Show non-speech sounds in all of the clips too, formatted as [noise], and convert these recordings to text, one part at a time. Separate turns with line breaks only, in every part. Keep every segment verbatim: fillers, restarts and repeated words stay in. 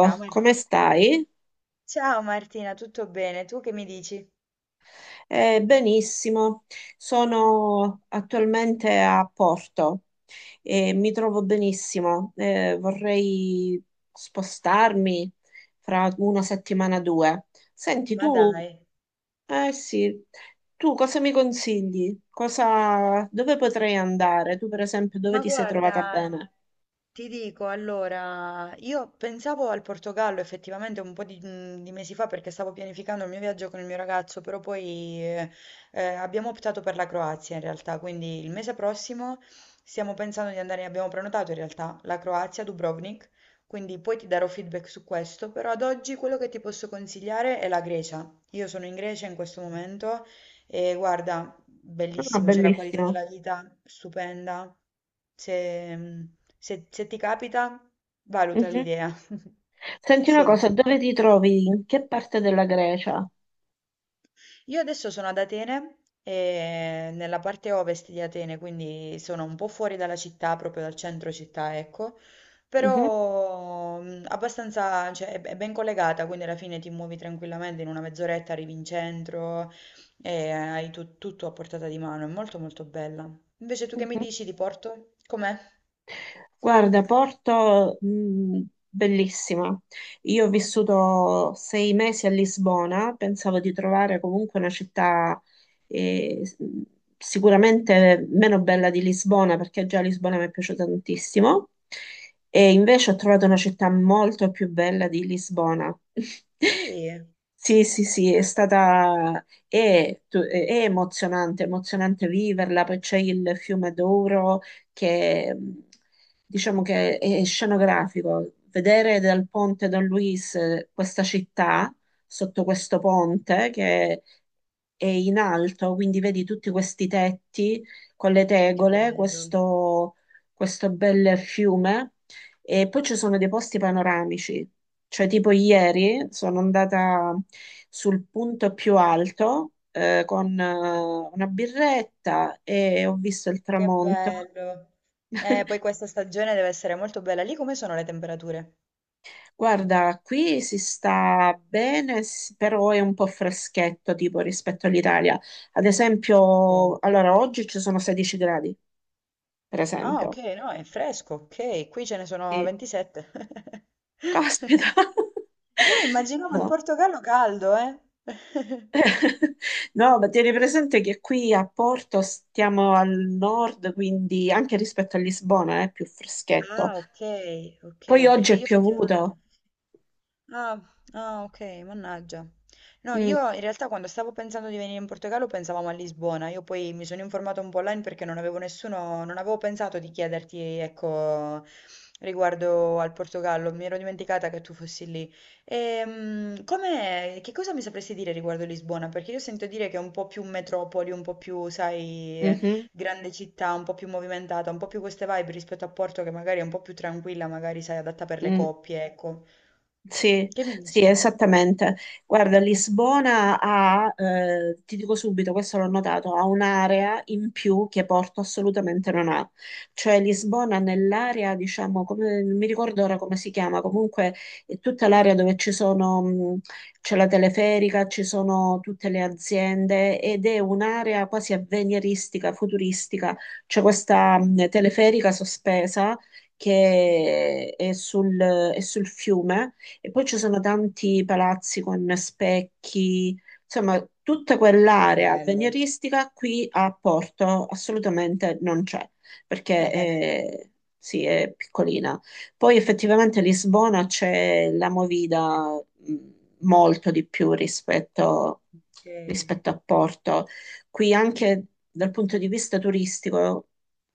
Ciao
come
Marti.
stai?
Ciao Martina, tutto bene? Tu che mi dici?
Eh, benissimo, sono attualmente a Porto e mi trovo benissimo. Eh, vorrei spostarmi fra una settimana o due. Senti,
Ma
tu,
dai,
eh sì, tu cosa mi consigli? Cosa, dove potrei andare? Tu, per esempio, dove
ma
ti sei
guarda,
trovata bene?
ti dico, allora, io pensavo al Portogallo effettivamente un po' di, mhmm, di mesi fa perché stavo pianificando il mio viaggio con il mio ragazzo, però poi eh, eh, abbiamo optato per la Croazia in realtà, quindi il mese prossimo stiamo pensando di andare, abbiamo prenotato in realtà la Croazia, Dubrovnik, quindi poi ti darò feedback su questo, però ad oggi quello che ti posso consigliare è la Grecia. Io sono in Grecia in questo momento e guarda,
Ah,
bellissimo, c'è la qualità
bellissimo.
della vita stupenda. Se, se- se ti capita, valuta
Mhm.
l'idea. [laughs]
Senti una
Sì.
cosa, dove ti trovi? In che parte della Grecia?
Io adesso sono ad Atene, e nella parte ovest di Atene, quindi sono un po' fuori dalla città, proprio dal centro città, ecco,
Mhm,
però mh, abbastanza, cioè, è è ben collegata, quindi alla fine ti muovi tranquillamente, in una mezz'oretta arrivi in centro e hai tu- tutto a portata di mano, è molto molto bella. Invece tu che mi
mhm.
dici di Porto? Com'è?
Guarda, Porto, mh, bellissima. Io ho vissuto sei mesi a Lisbona, pensavo di trovare comunque una città eh, s- sicuramente meno bella di Lisbona, perché già Lisbona mi è piaciuta tantissimo, e invece ho trovato una città molto più bella di Lisbona. [laughs]
Sì,
Sì, sì, sì, è stata è, tu- è emozionante, emozionante viverla, poi c'è il fiume Douro che mh, diciamo che è scenografico. Vedere dal ponte Don Luis eh, questa città sotto questo ponte che è in alto, quindi vedi tutti questi tetti con le
che
tegole,
bello,
questo, questo bel fiume. E poi ci sono dei posti panoramici, cioè tipo ieri sono andata sul punto più alto eh, con eh, una birretta e ho visto il
che
tramonto.
bello. Eh, poi questa stagione deve essere molto bella. Lì come sono le temperature?
Guarda, qui si sta bene, s- però è un po' freschetto tipo rispetto all'Italia. Ad
Ok.
esempio, allora oggi ci sono 16 gradi, per
Ah, ok,
esempio.
no, è fresco, ok. Qui ce ne sono
Sì.
ventisette. [laughs]
Caspita! [laughs]
Eh, immaginavo il
No.
Portogallo caldo, eh. [laughs]
[laughs] No, ma tieni presente che qui a Porto stiamo al nord, quindi anche rispetto a Lisbona è più freschetto.
Ah, ok,
Poi
ok,
oggi
perché
è
io
piovuto.
effettivamente... Ah, ah, ok, mannaggia. No,
Mm,
io in realtà quando stavo pensando di venire in Portogallo pensavamo a Lisbona, io poi mi sono informata un po' online perché non avevo nessuno, non avevo pensato di chiederti, ecco, riguardo al Portogallo, mi ero dimenticata che tu fossi lì. Ehm, com'è- che cosa mi sapresti dire riguardo Lisbona? Perché io sento dire che è un po' più metropoli, un po' più, sai,
mhm,
grande città, un po' più movimentata, un po' più queste vibe rispetto a Porto che magari è un po' più tranquilla, magari, sai, adatta per le
mm.
coppie, ecco.
Sì,
Che mi dici?
sì, esattamente. Guarda, Lisbona ha, eh, ti dico subito, questo l'ho notato, ha un'area in più che Porto assolutamente non ha. Cioè Lisbona nell'area, diciamo, come, non mi ricordo ora come si chiama, comunque è tutta l'area dove ci sono, mh, c'è la teleferica, ci sono tutte le aziende ed è un'area quasi avveniristica, futuristica. C'è questa,
Beh,
mh, teleferica sospesa
mh-mh,
che è sul è sul fiume e poi ci sono tanti palazzi con specchi, insomma, tutta
che
quell'area
bello.
avveniristica qui a Porto assolutamente non c'è, perché
[laughs]
eh, sì, è piccolina. Poi effettivamente a Lisbona c'è la movida mh, molto di più rispetto,
Ok.
rispetto a Porto. Qui anche dal punto di vista turistico,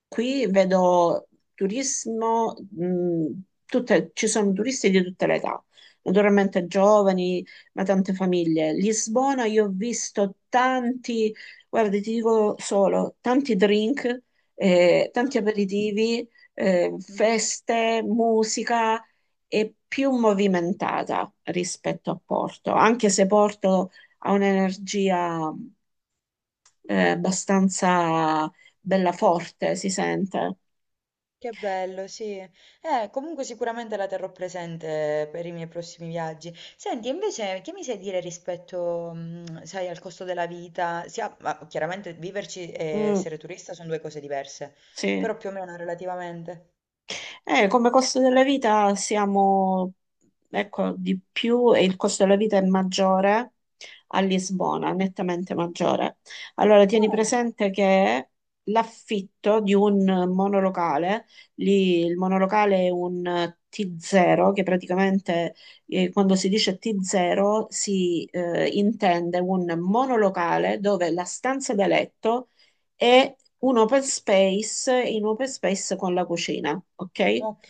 qui vedo turismo, mh, tutte- ci sono turisti di tutte le età naturalmente giovani, ma tante famiglie. Lisbona, io ho visto tanti, guarda, ti dico solo, tanti drink, eh, tanti
Ah-ah,
aperitivi, eh,
mh-mh.
feste, musica e più movimentata rispetto a Porto, anche se Porto ha un'energia, eh, abbastanza bella forte, si sente.
Che bello, sì. Eh, comunque sicuramente la terrò presente per i miei prossimi viaggi. Senti, invece, che mi sai dire rispetto, mh, sai, al costo della vita? Sia, ma chiaramente viverci e
Mm.
essere turista sono due cose diverse,
Sì.
però più o meno relativamente.
Eh, come costo della vita siamo, ecco, di più e il costo della vita è maggiore a Lisbona, nettamente maggiore. Allora, tieni
Oh,
presente che l'affitto di un monolocale, lì il monolocale è un ti zero, che praticamente eh, quando si dice ti zero si eh, intende un monolocale dove la stanza da letto e un open space in open space con la cucina, ok?
ok,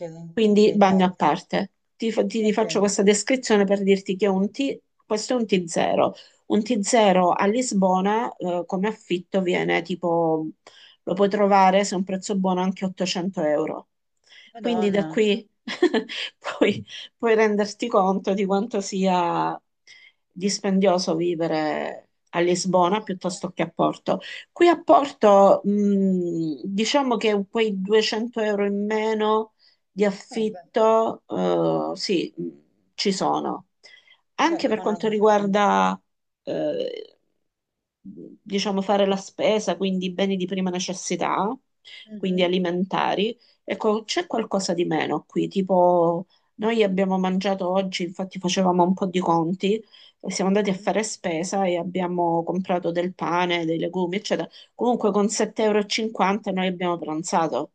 ok,
Quindi bagno a
chiaro.
parte. Ti, fa- ti ti
Ok.
faccio questa descrizione per dirti che è un T, questo è un ti zero. Un ti zero a Lisbona, eh, come affitto viene tipo, lo puoi trovare se è un prezzo buono anche ottocento euro. Quindi da
Madonna.
qui [laughs] puoi, puoi renderti conto di quanto sia dispendioso vivere a Lisbona piuttosto
Madonna.
che a Porto. Qui a Porto, mh, diciamo che quei duecento euro in meno di
Eh, beh,
affitto, eh, sì, mh, ci sono.
beh,
Anche per
fa una
quanto
differenza.
riguarda, eh, diciamo, fare la spesa, quindi beni di prima necessità, quindi
Mhm.
alimentari, ecco, c'è qualcosa di meno qui, tipo noi abbiamo mangiato oggi, infatti facevamo un po' di conti, e siamo andati a
Mhm.
fare spesa e abbiamo comprato del pane, dei legumi, eccetera. Comunque con sette euro e cinquanta e cinquanta noi abbiamo pranzato.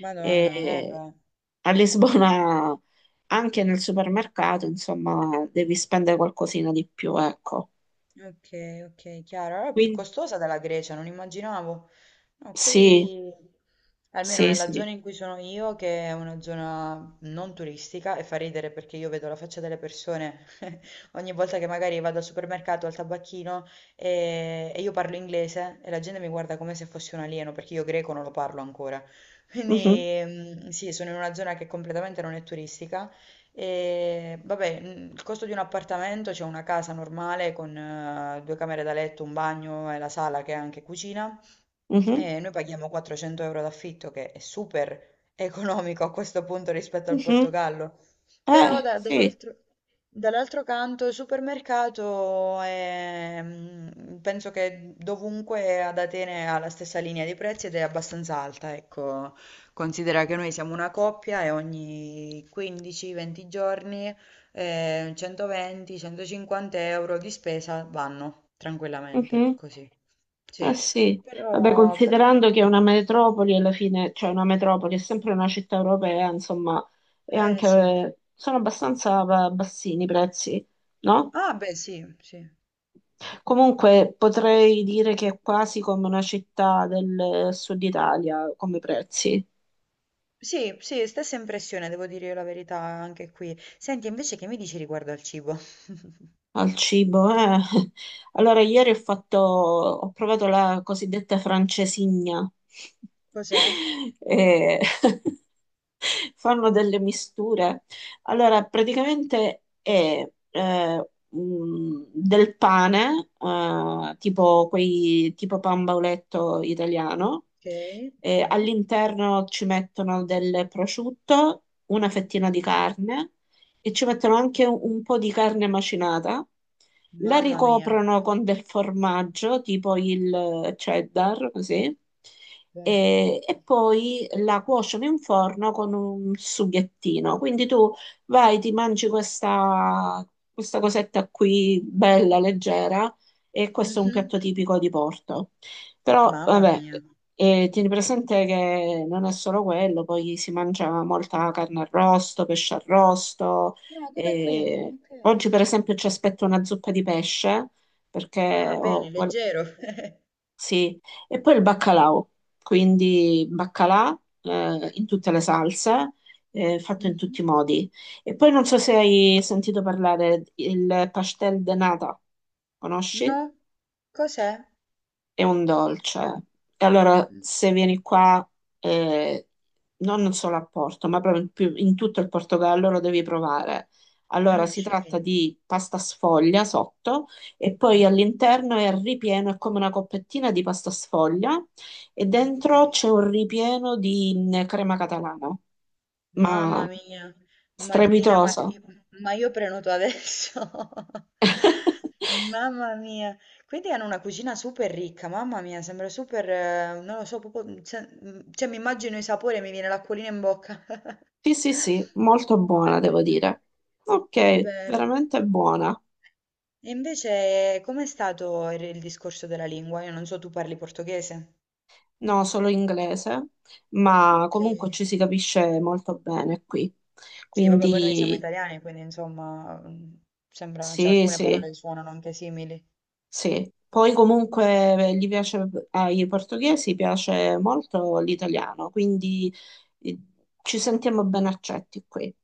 Madonna, eh
E
beh,
a Lisbona, anche nel supermercato, insomma, devi spendere qualcosina di più, ecco.
ok, ok, chiaro. Allora è più
Quindi
costosa della Grecia, non immaginavo. No,
sì,
qui, almeno
sì,
nella
sì.
zona in cui sono io, che è una zona non turistica, e fa ridere perché io vedo la faccia delle persone [laughs] ogni volta che magari vado al supermercato, al tabacchino e, e io parlo inglese e la gente mi guarda come se fossi un alieno, perché io greco non lo parlo ancora.
Mhm,
Quindi, mm, sì, sono in una zona che completamente non è turistica. E vabbè, mm, il costo di un appartamento, c'è una casa normale con eh, due camere da letto, un bagno e la sala che è anche cucina.
mhm,
E noi paghiamo quattrocento euro d'affitto, che è super economico a questo punto rispetto al
mhm.
Portogallo. Però
Eh,
da-
sì.
dall'altro dall'altro canto il supermercato è, mm, penso che dovunque ad Atene ha la stessa linea di prezzi ed è abbastanza alta, ecco. Considera che noi siamo una coppia e ogni quindici a venti giorni eh, centoventi-centocinquanta euro di spesa vanno tranquillamente,
Mhm.
così.
Eh
Sì,
sì, vabbè,
però, però è
considerando
porto-
che è una metropoli alla fine, cioè una metropoli è sempre una città europea, insomma, e
Eh sì.
anche sono abbastanza ba- bassini i prezzi, no?
Ah beh sì, sì.
Comunque potrei dire che è quasi come una città del eh, sud Italia come prezzi.
Sì, sì, stessa impressione, devo dire la verità anche qui. Senti, invece che mi dici riguardo al cibo? [laughs]
Al cibo, eh. [laughs] Allora, ieri ho fatto, ho provato la cosiddetta francesigna. [laughs]
Cos'è?
E [laughs] fanno delle misture. Allora, praticamente è eh, mm, del pane, eh, tipo, quei, tipo pan bauletto italiano.
Ok, ok.
E all'interno ci mettono del prosciutto, una fettina
Mm,
di carne e ci mettono anche un, un po' di carne macinata, la
mamma mia.
ricoprono con del formaggio, tipo il cheddar, così,
Beh. [laughs]
e, e poi la cuociono in forno con un sughettino. Quindi tu vai, ti mangi questa, questa cosetta qui, bella, leggera, e questo è un
Mhm.
piatto tipico di Porto. Però,
Mamma
vabbè,
mia.
e tieni presente che non è solo quello, poi si mangia molta carne arrosto, pesce arrosto,
No, come qui?
e
Ok.
oggi, per esempio, ci aspetto una zuppa di pesce
Ah,
perché
bene,
ho, guard-
leggero. [laughs]
sì, e poi il baccalà, quindi baccalà eh, in tutte le salse, eh, fatto in
Mh-mh.
tutti i modi. E poi non so se hai sentito parlare il pastel de nata,
No?
conosci?
Cos'è?
È un dolce. E allora
Mh,
se vieni qua, eh, non solo a Porto, ma proprio in, più- in tutto il Portogallo lo devi provare. Allora si tratta
okay.
di pasta sfoglia sotto e
Mh,
poi all'interno è ripieno, è come una coppettina di pasta sfoglia e dentro
okay.
c'è un ripieno di mh, crema catalana,
Mamma
ma
mia, Martina, ma
strepitosa.
io ma io prenoto adesso. [laughs]
[laughs]
Mamma mia. Quindi hanno una cucina super ricca, mamma mia, sembra super eh, non lo so, proprio mhmm, cioè mhmm, cioè mi immagino i sapori e mi viene l'acquolina in bocca. [laughs]
Sì, sì, sì, molto buona, devo dire.
Che
Ok,
bello.
veramente buona.
E invece, com'è stato il, il discorso della lingua? Io non so, tu parli portoghese?
No, solo inglese, ma
Ok.
comunque ci si capisce molto bene qui.
Sì, vabbè, poi noi siamo
Quindi
italiani, quindi insomma, mm, sembra, cioè,
sì,
alcune
sì,
parole suonano anche simili.
sì. Poi comunque gli piace, ai portoghesi piace molto l'italiano, quindi eh, ci sentiamo ben accetti qui.